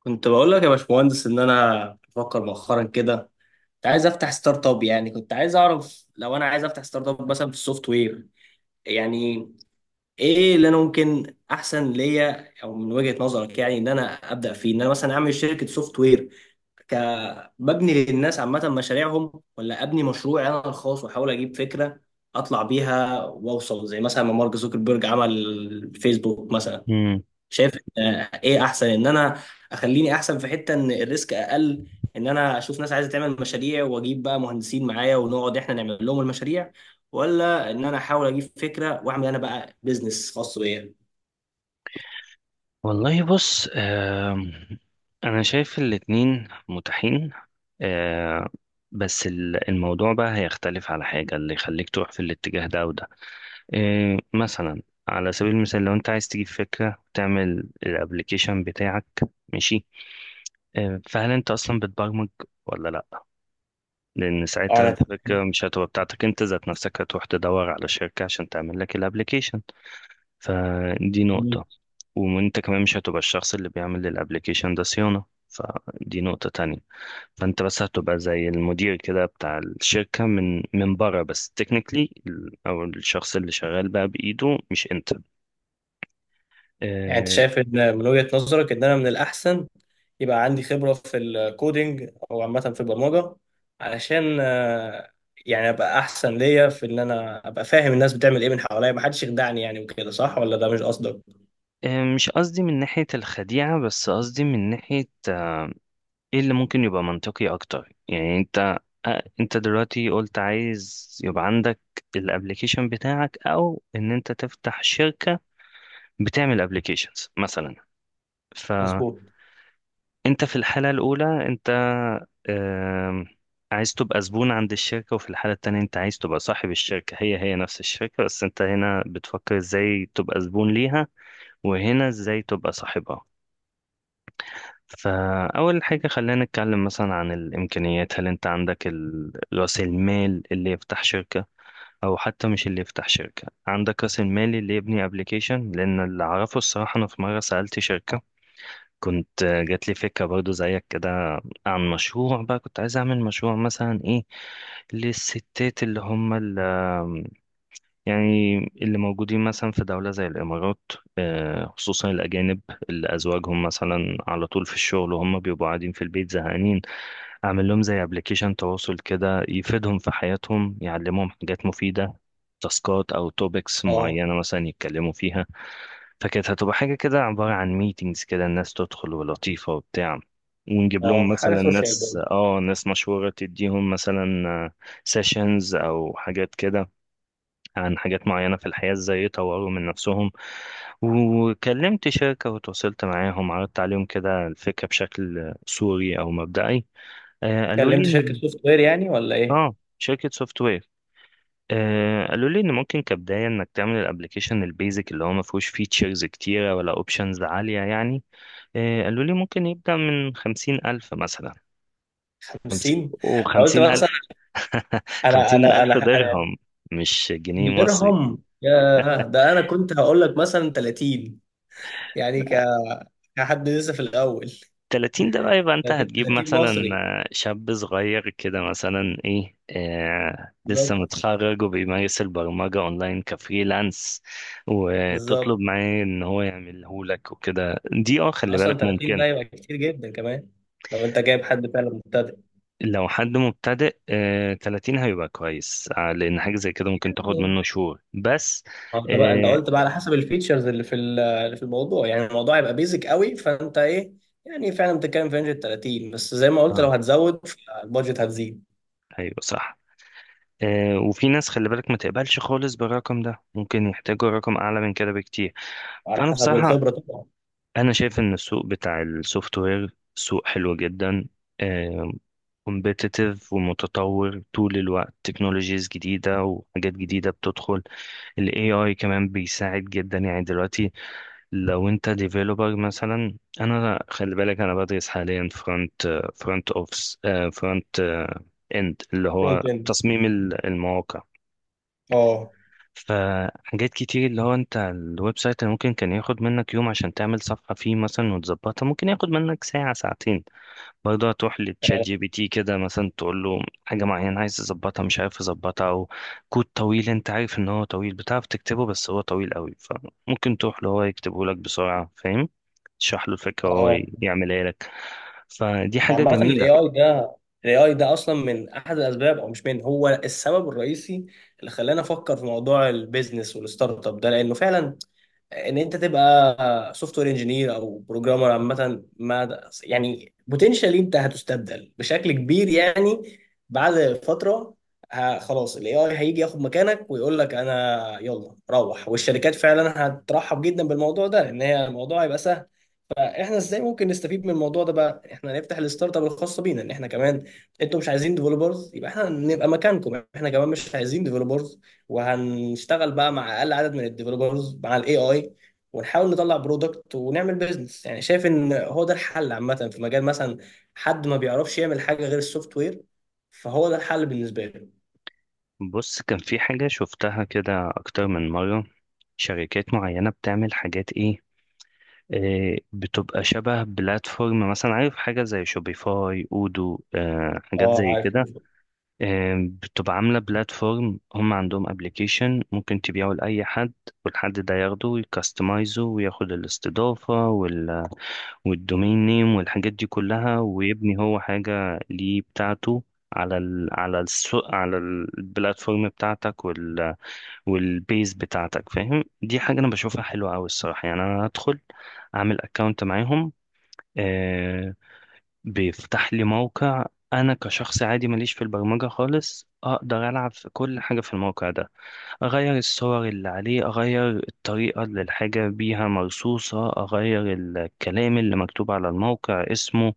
كنت بقول لك يا باشمهندس ان انا بفكر مؤخرا كده. كنت عايز افتح ستارت اب، يعني كنت عايز اعرف لو انا عايز افتح ستارت اب مثلا في السوفت وير، يعني ايه اللي انا ممكن احسن ليا او من وجهة نظرك، يعني ان انا ابدا فيه ان انا مثلا اعمل شركة سوفت وير ك ببني للناس عامة مشاريعهم، ولا ابني مشروعي انا الخاص واحاول اجيب فكرة اطلع بيها واوصل زي مثلا ما مارك زوكربيرج عمل فيسبوك مثلا؟ مم. شايف؟ ايه احسن، ان انا اخليني احسن في حته ان الريسك اقل، ان انا اشوف ناس عايزه تعمل مشاريع واجيب بقى مهندسين معايا ونقعد احنا نعمل لهم المشاريع، ولا ان انا احاول اجيب فكره واعمل انا بقى بيزنس خاص بيا؟ والله، بص، انا شايف الاتنين متاحين، آه، بس الموضوع بقى هيختلف على حاجة اللي يخليك تروح في الاتجاه ده وده. مثلا، على سبيل المثال، لو انت عايز تجيب فكرة وتعمل الابليكيشن بتاعك، ماشي. فهل انت اصلا بتبرمج ولا لا؟ لان اه، ساعتها انا الفكرة مش هتبقى بتاعتك انت ذات نفسك، هتروح تدور على شركة عشان تعمل لك الابليكيشن، فدي تمام. نقطة. وانت كمان مش هتبقى الشخص اللي بيعمل للابليكيشن ده صيانة، فدي نقطة تانية. فانت بس هتبقى زي المدير كده بتاع الشركة، من بره، بس تكنيكلي، او الشخص اللي شغال بقى بايده مش انت. يعني انت آه، شايف ان من وجهه نظرك ان انا من الاحسن يبقى عندي خبره في الكودينج او عامه في البرمجه، علشان يعني ابقى احسن ليا في ان انا ابقى فاهم الناس بتعمل ايه من حواليا، ما حدش يخدعني يعني وكده، صح ولا ده مش قصدك؟ مش قصدي من ناحية الخديعة، بس قصدي من ناحية، ايه اللي ممكن يبقى منطقي اكتر؟ يعني انت، انت دلوقتي قلت عايز يبقى عندك الابليكيشن بتاعك، او ان انت تفتح شركة بتعمل ابلكيشنز مثلا. فانت مظبوط. في الحاله الاولى انت آم، عايز تبقى زبون عند الشركه، وفي الحاله التانيه انت عايز تبقى صاحب الشركه. هي هي نفس الشركه، بس انت هنا بتفكر ازاي تبقى زبون ليها، وهنا ازاي تبقى صاحبها. فاول حاجه، خلينا نتكلم مثلا عن الامكانيات. هل انت عندك راس المال اللي يفتح شركه؟ او حتى مش اللي يفتح شركه، عندك راس المال اللي يبني ابلكيشن؟ لان اللي اعرفه الصراحه، انا في مره سالت شركه، كنت جات لي فكرة برضو زيك كده، عن مشروع بقى، كنت عايز أعمل مشروع مثلا إيه، للستات اللي هم اللي، يعني اللي موجودين مثلا في دولة زي الإمارات، خصوصا الأجانب، اللي أزواجهم مثلا على طول في الشغل وهم بيبقوا قاعدين في البيت زهقانين. أعمل لهم زي أبليكيشن تواصل كده، يفيدهم في حياتهم، يعلمهم حاجات مفيدة، تاسكات أو توبكس اه. معينة مثلا يتكلموا فيها. فكانت هتبقى حاجة كده عبارة عن ميتينجز كده، الناس تدخل ولطيفة وبتاع، ونجيب لهم اه، حاجه مثلا سوشيال برضه. ناس مشهورة تديهم مثلا سيشنز أو حاجات كده، عن حاجات معينة في الحياة ازاي يطوروا من نفسهم. وكلمت شركة وتواصلت معاهم، عرضت عليهم كده الفكرة بشكل صوري أو مبدئي. قالوا لي كلمت شركه سوفت وير يعني ولا ايه؟ شركة سوفت وير. قالوا لي ان ممكن كبدايه انك تعمل الابلكيشن البيزك، اللي هو ما فيهوش فيتشرز كتيره ولا اوبشنز عاليه يعني. قالوا لي ممكن يبدأ من خمسين ألف مثلا. خمس... 50؟ انا قلت وخمسين ألف مثلا، انا خمسين انا انا ألف انا درهم، مش جنيه مصري. درهم؟ يا ده، انا كنت هقول لك مثلا 30. يعني كحد لسه في الاول. تلاتين ده بقى، يبقى أنت 30، هتجيب 30 مثلا، مصري. شاب صغير كده مثلا إيه، آه لسه بالظبط. متخرج وبيمارس البرمجة أونلاين كفريلانس، وتطلب بالظبط، معاه إن هو يعمله لك وكده، دي خلي اصلا بالك 30 ممكن. ده يبقى كتير جدا كمان لو انت جايب حد فعلا مبتدئ. لو حد مبتدئ، 30 هيبقى كويس. لأن حاجة زي كده ممكن تاخد يعني، منه شهور بس. ما انت بقى انت آه، قلت بقى على حسب الفيتشرز اللي في اللي في الموضوع، يعني الموضوع هيبقى بيزك قوي فانت ايه؟ يعني فعلا بتتكلم في رينج ال 30، بس زي ما قلت اه لو هتزود فالبادجت هتزيد ايوه صح. وفي ناس خلي بالك ما تقبلش خالص بالرقم ده، ممكن يحتاجوا رقم اعلى من كده بكتير. على فانا حسب بصراحه، الخبره طبعا. انا شايف ان السوق بتاع السوفت وير سوق حلو جدا، كومبيتيتيف ومتطور طول الوقت، تكنولوجيز جديده وحاجات جديده بتدخل. الاي اي كمان بيساعد جدا يعني دلوقتي، لو انت ديفيلوبر مثلا. انا خلي بالك، انا بدرس حاليا فرونت اوفس، فرونت اند، اللي هو فرونت اند. تصميم المواقع. اه، فحاجات كتير، اللي هو انت الويب سايت اللي ممكن كان ياخد منك يوم عشان تعمل صفحة فيه مثلا وتظبطها، ممكن ياخد منك ساعة ساعتين. برضه هتروح لتشات فعلا. جي بي تي كده مثلا، تقول له حاجة معينة عايز تظبطها مش عارف تظبطها، أو كود طويل أنت عارف إن هو طويل، بتعرف تكتبه بس هو طويل قوي، فممكن تروح له هو يكتبه لك بسرعة، فاهم؟ تشرح له الفكرة وهو اه. يعملها لك. فدي حاجة يعني عامه الاي جميلة. اي ده، الاي اي ده اصلا من احد الاسباب، او مش، من هو السبب الرئيسي اللي خلاني افكر في موضوع البيزنس والستارت اب ده، لانه فعلا ان انت تبقى سوفت وير انجينير او بروجرامر عامه، ما يعني بوتنشالي انت هتستبدل بشكل كبير يعني، بعد فتره خلاص الاي اي هيجي ياخد مكانك ويقول لك انا يلا روح. والشركات فعلا هترحب جدا بالموضوع ده لان هي الموضوع هيبقى سهل. احنا ازاي ممكن نستفيد من الموضوع ده بقى؟ احنا نفتح الستارت اب الخاصه بينا، ان احنا كمان، انتوا مش عايزين ديفلوبرز، يبقى احنا نبقى مكانكم، احنا كمان مش عايزين ديفلوبرز، وهنشتغل بقى مع اقل عدد من الديفلوبرز مع الاي اي، ونحاول نطلع برودكت ونعمل بيزنس. يعني شايف ان هو ده الحل عامه في مجال مثلا حد ما بيعرفش يعمل حاجه غير السوفت وير، فهو ده الحل بالنسبه له. بص، كان في حاجة شفتها كده أكتر من مرة، شركات معينة بتعمل حاجات إيه، بتبقى شبه بلاتفورم، مثلا عارف حاجة زي شوبيفاي، أودو، حاجات اه، زي عارف. كده. بتبقى عاملة بلاتفورم، هم عندهم ابلكيشن ممكن تبيعه لأي حد، والحد ده ياخده ويكستمايزه وياخد الاستضافة والدومين نيم والحاجات دي كلها، ويبني هو حاجة ليه بتاعته على السوق، على البلاتفورم بتاعتك والبيز بتاعتك، فاهم؟ دي حاجة أنا بشوفها حلوة أوي الصراحة. يعني أنا هدخل أعمل أكاونت معاهم، آه، بيفتح لي موقع، انا كشخص عادي ماليش في البرمجة خالص، اقدر العب في كل حاجة في الموقع ده، اغير الصور اللي عليه، اغير الطريقة اللي الحاجة بيها مرصوصة، اغير الكلام اللي مكتوب على الموقع، اسمه.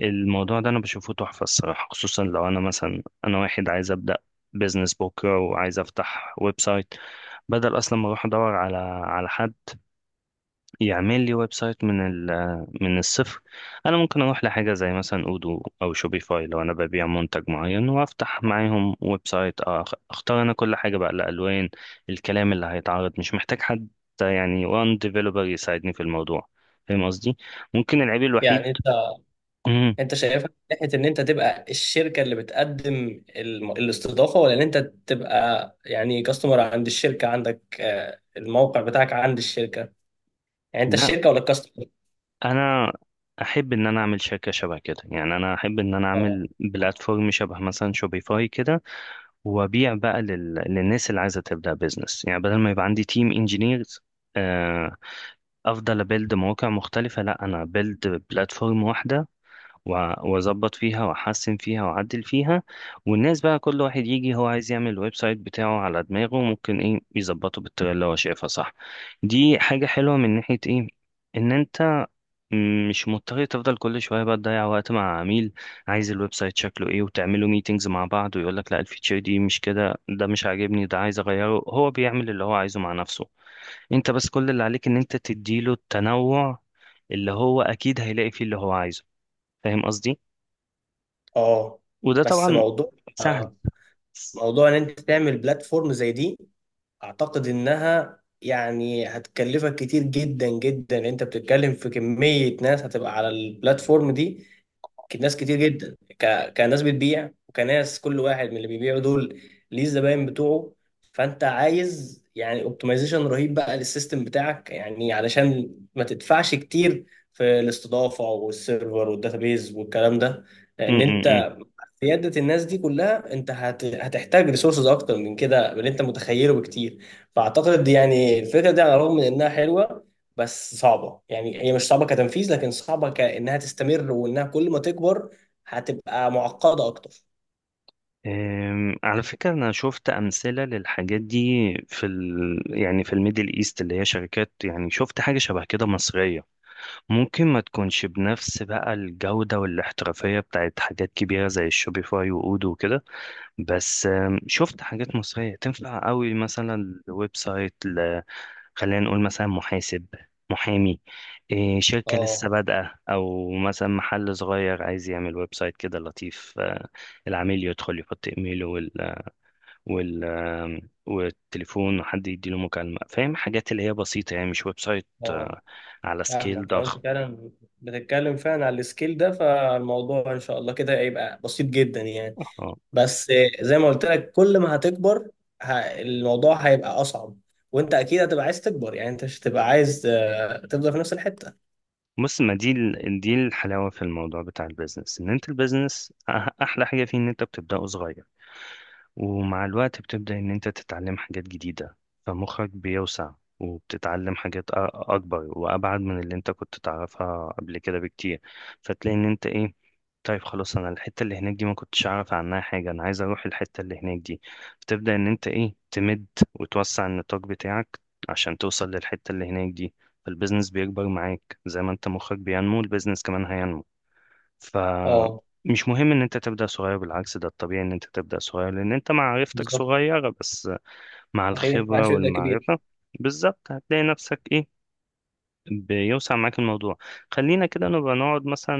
الموضوع ده انا بشوفه تحفة الصراحة، خصوصا لو انا مثلا انا واحد عايز ابدأ بيزنس بكرة وعايز افتح ويب سايت، بدل اصلا ما اروح ادور على على حد يعمل لي ويب سايت من الصفر. انا ممكن اروح لحاجه زي مثلا اودو او شوبيفاي، لو انا ببيع منتج معين، وافتح معاهم ويب سايت، اختار انا كل حاجه بقى، الالوان، الكلام اللي هيتعرض، مش محتاج حد يعني وان ديفلوبر يساعدني في الموضوع، فاهم قصدي؟ ممكن العيب الوحيد، يعني انت مم، انت شايفها من ناحيه ان انت تبقى الشركه اللي بتقدم الاستضافه، ولا ان انت تبقى يعني كاستمر عند الشركه، عندك الموقع بتاعك عند الشركه؟ يعني انت لا، الشركه ولا الكاستمر؟ انا احب ان انا اعمل شركه شبه كده، يعني انا احب ان انا اه. اعمل بلاتفورم شبه مثلا شوبيفاي كده، وابيع بقى للناس اللي عايزه تبدا بيزنس. يعني بدل ما يبقى عندي تيم انجينيرز افضل ابيلد مواقع مختلفه، لا، انا بيلد بلاتفورم واحده واظبط فيها واحسن فيها واعدل فيها. والناس بقى كل واحد يجي هو عايز يعمل الويب سايت بتاعه على دماغه، ممكن ايه يظبطه بالطريقه اللي هو شايفها صح. دي حاجه حلوه من ناحيه ايه، ان انت مش مضطر تفضل كل شوية بقى تضيع وقت مع عميل عايز الويب سايت شكله ايه، وتعملوا ميتينجز مع بعض، ويقول لك لا الفيتشر دي مش كده، ده مش عاجبني، ده عايز اغيره. هو بيعمل اللي هو عايزه مع نفسه، انت بس كل اللي عليك ان انت تديله التنوع اللي هو اكيد هيلاقي فيه اللي هو عايزه، فاهم قصدي؟ اه. وده بس طبعا موضوع، سهل. آه، موضوع ان انت تعمل بلاتفورم زي دي، اعتقد انها يعني هتكلفك كتير جدا جدا. انت بتتكلم في كميه ناس هتبقى على البلاتفورم دي، ناس كتير جدا، كناس بتبيع وكناس كل واحد من اللي بيبيعوا دول ليه الزباين بتوعه. فانت عايز يعني اوبتمايزيشن رهيب بقى للسيستم بتاعك، يعني علشان ما تدفعش كتير في الاستضافه والسيرفر والداتابيز والكلام ده. م لان -م انت -م. قيادة الناس دي كلها، انت هتحتاج ريسورسز اكتر من كده، من اللي انت متخيله بكتير. فاعتقد يعني الفكرة دي على الرغم من انها حلوة، بس صعبة. يعني هي مش صعبة كتنفيذ، لكن صعبة كأنها تستمر، وانها كل ما تكبر هتبقى معقدة اكتر. على فكرة، أنا شفت أمثلة للحاجات دي في يعني في الميدل إيست، اللي هي شركات، يعني شفت حاجة شبه كده مصرية، ممكن ما تكونش بنفس بقى الجودة والاحترافية بتاعت حاجات كبيرة زي الشوبيفاي وأودو وكده. بس شفت حاجات مصرية تنفع قوي، مثلا ويب سايت خلينا نقول مثلا محاسب، محامي، إيه، شركة لسه اه. بادئة، أو مثلا محل صغير عايز يعمل ويب سايت كده لطيف. العميل يدخل يحط إيميله وال آم، والتليفون، وحد يديله مكالمة، فاهم؟ حاجات اللي هي بسيطة يعني، مش ويب سايت، اه، على سكيل فاهمك. لو انت ضخم. فعلا بتتكلم فعلا على السكيل ده، فالموضوع ان شاء الله كده هيبقى بسيط جدا يعني، بس زي ما قلت لك كل ما هتكبر ه- الموضوع هيبقى اصعب، وانت اكيد هتبقى عايز تكبر. يعني انت مش هتبقى عايز تفضل في نفس الحته. بص، ما دي دي الحلاوة في الموضوع بتاع البيزنس، ان انت البيزنس احلى حاجة فيه ان انت بتبدأه صغير، ومع الوقت بتبدأ إن أنت تتعلم حاجات جديدة، فمخك بيوسع، وبتتعلم حاجات أكبر وأبعد من اللي أنت كنت تعرفها قبل كده بكتير. فتلاقي إن أنت إيه، طيب خلاص، أنا الحتة اللي هناك دي ما كنتش أعرف عنها حاجة، أنا عايز أروح الحتة اللي هناك دي، فتبدأ إن أنت إيه، تمد وتوسع النطاق بتاعك عشان توصل للحتة اللي هناك دي. فالبيزنس بيكبر معاك زي ما أنت مخك بينمو، البيزنس كمان هينمو. اه، فمش مهم ان انت تبدأ صغير، بالعكس ده الطبيعي ان انت تبدأ صغير، لان انت معرفتك بالظبط. صغيرة، بس مع صحيح، ما الخبرة عادش يبقى كبير. والمعرفة، بالظبط هتلاقي نفسك ايه، بيوسع معاك الموضوع. خلينا كده نبقى نقعد مثلا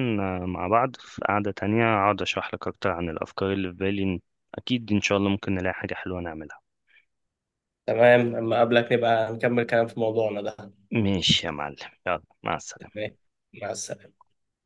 مع بعض في قعدة تانية، اقعد اشرح لك اكتر عن الافكار اللي في بالي، اكيد ان شاء الله ممكن نلاقي حاجة حلوة نعملها. تمام، اما اقابلك نبقى نكمل كلام في موضوعنا ده. ماشي يا معلم، يلا مع السلامة. تمام، مع السلامه.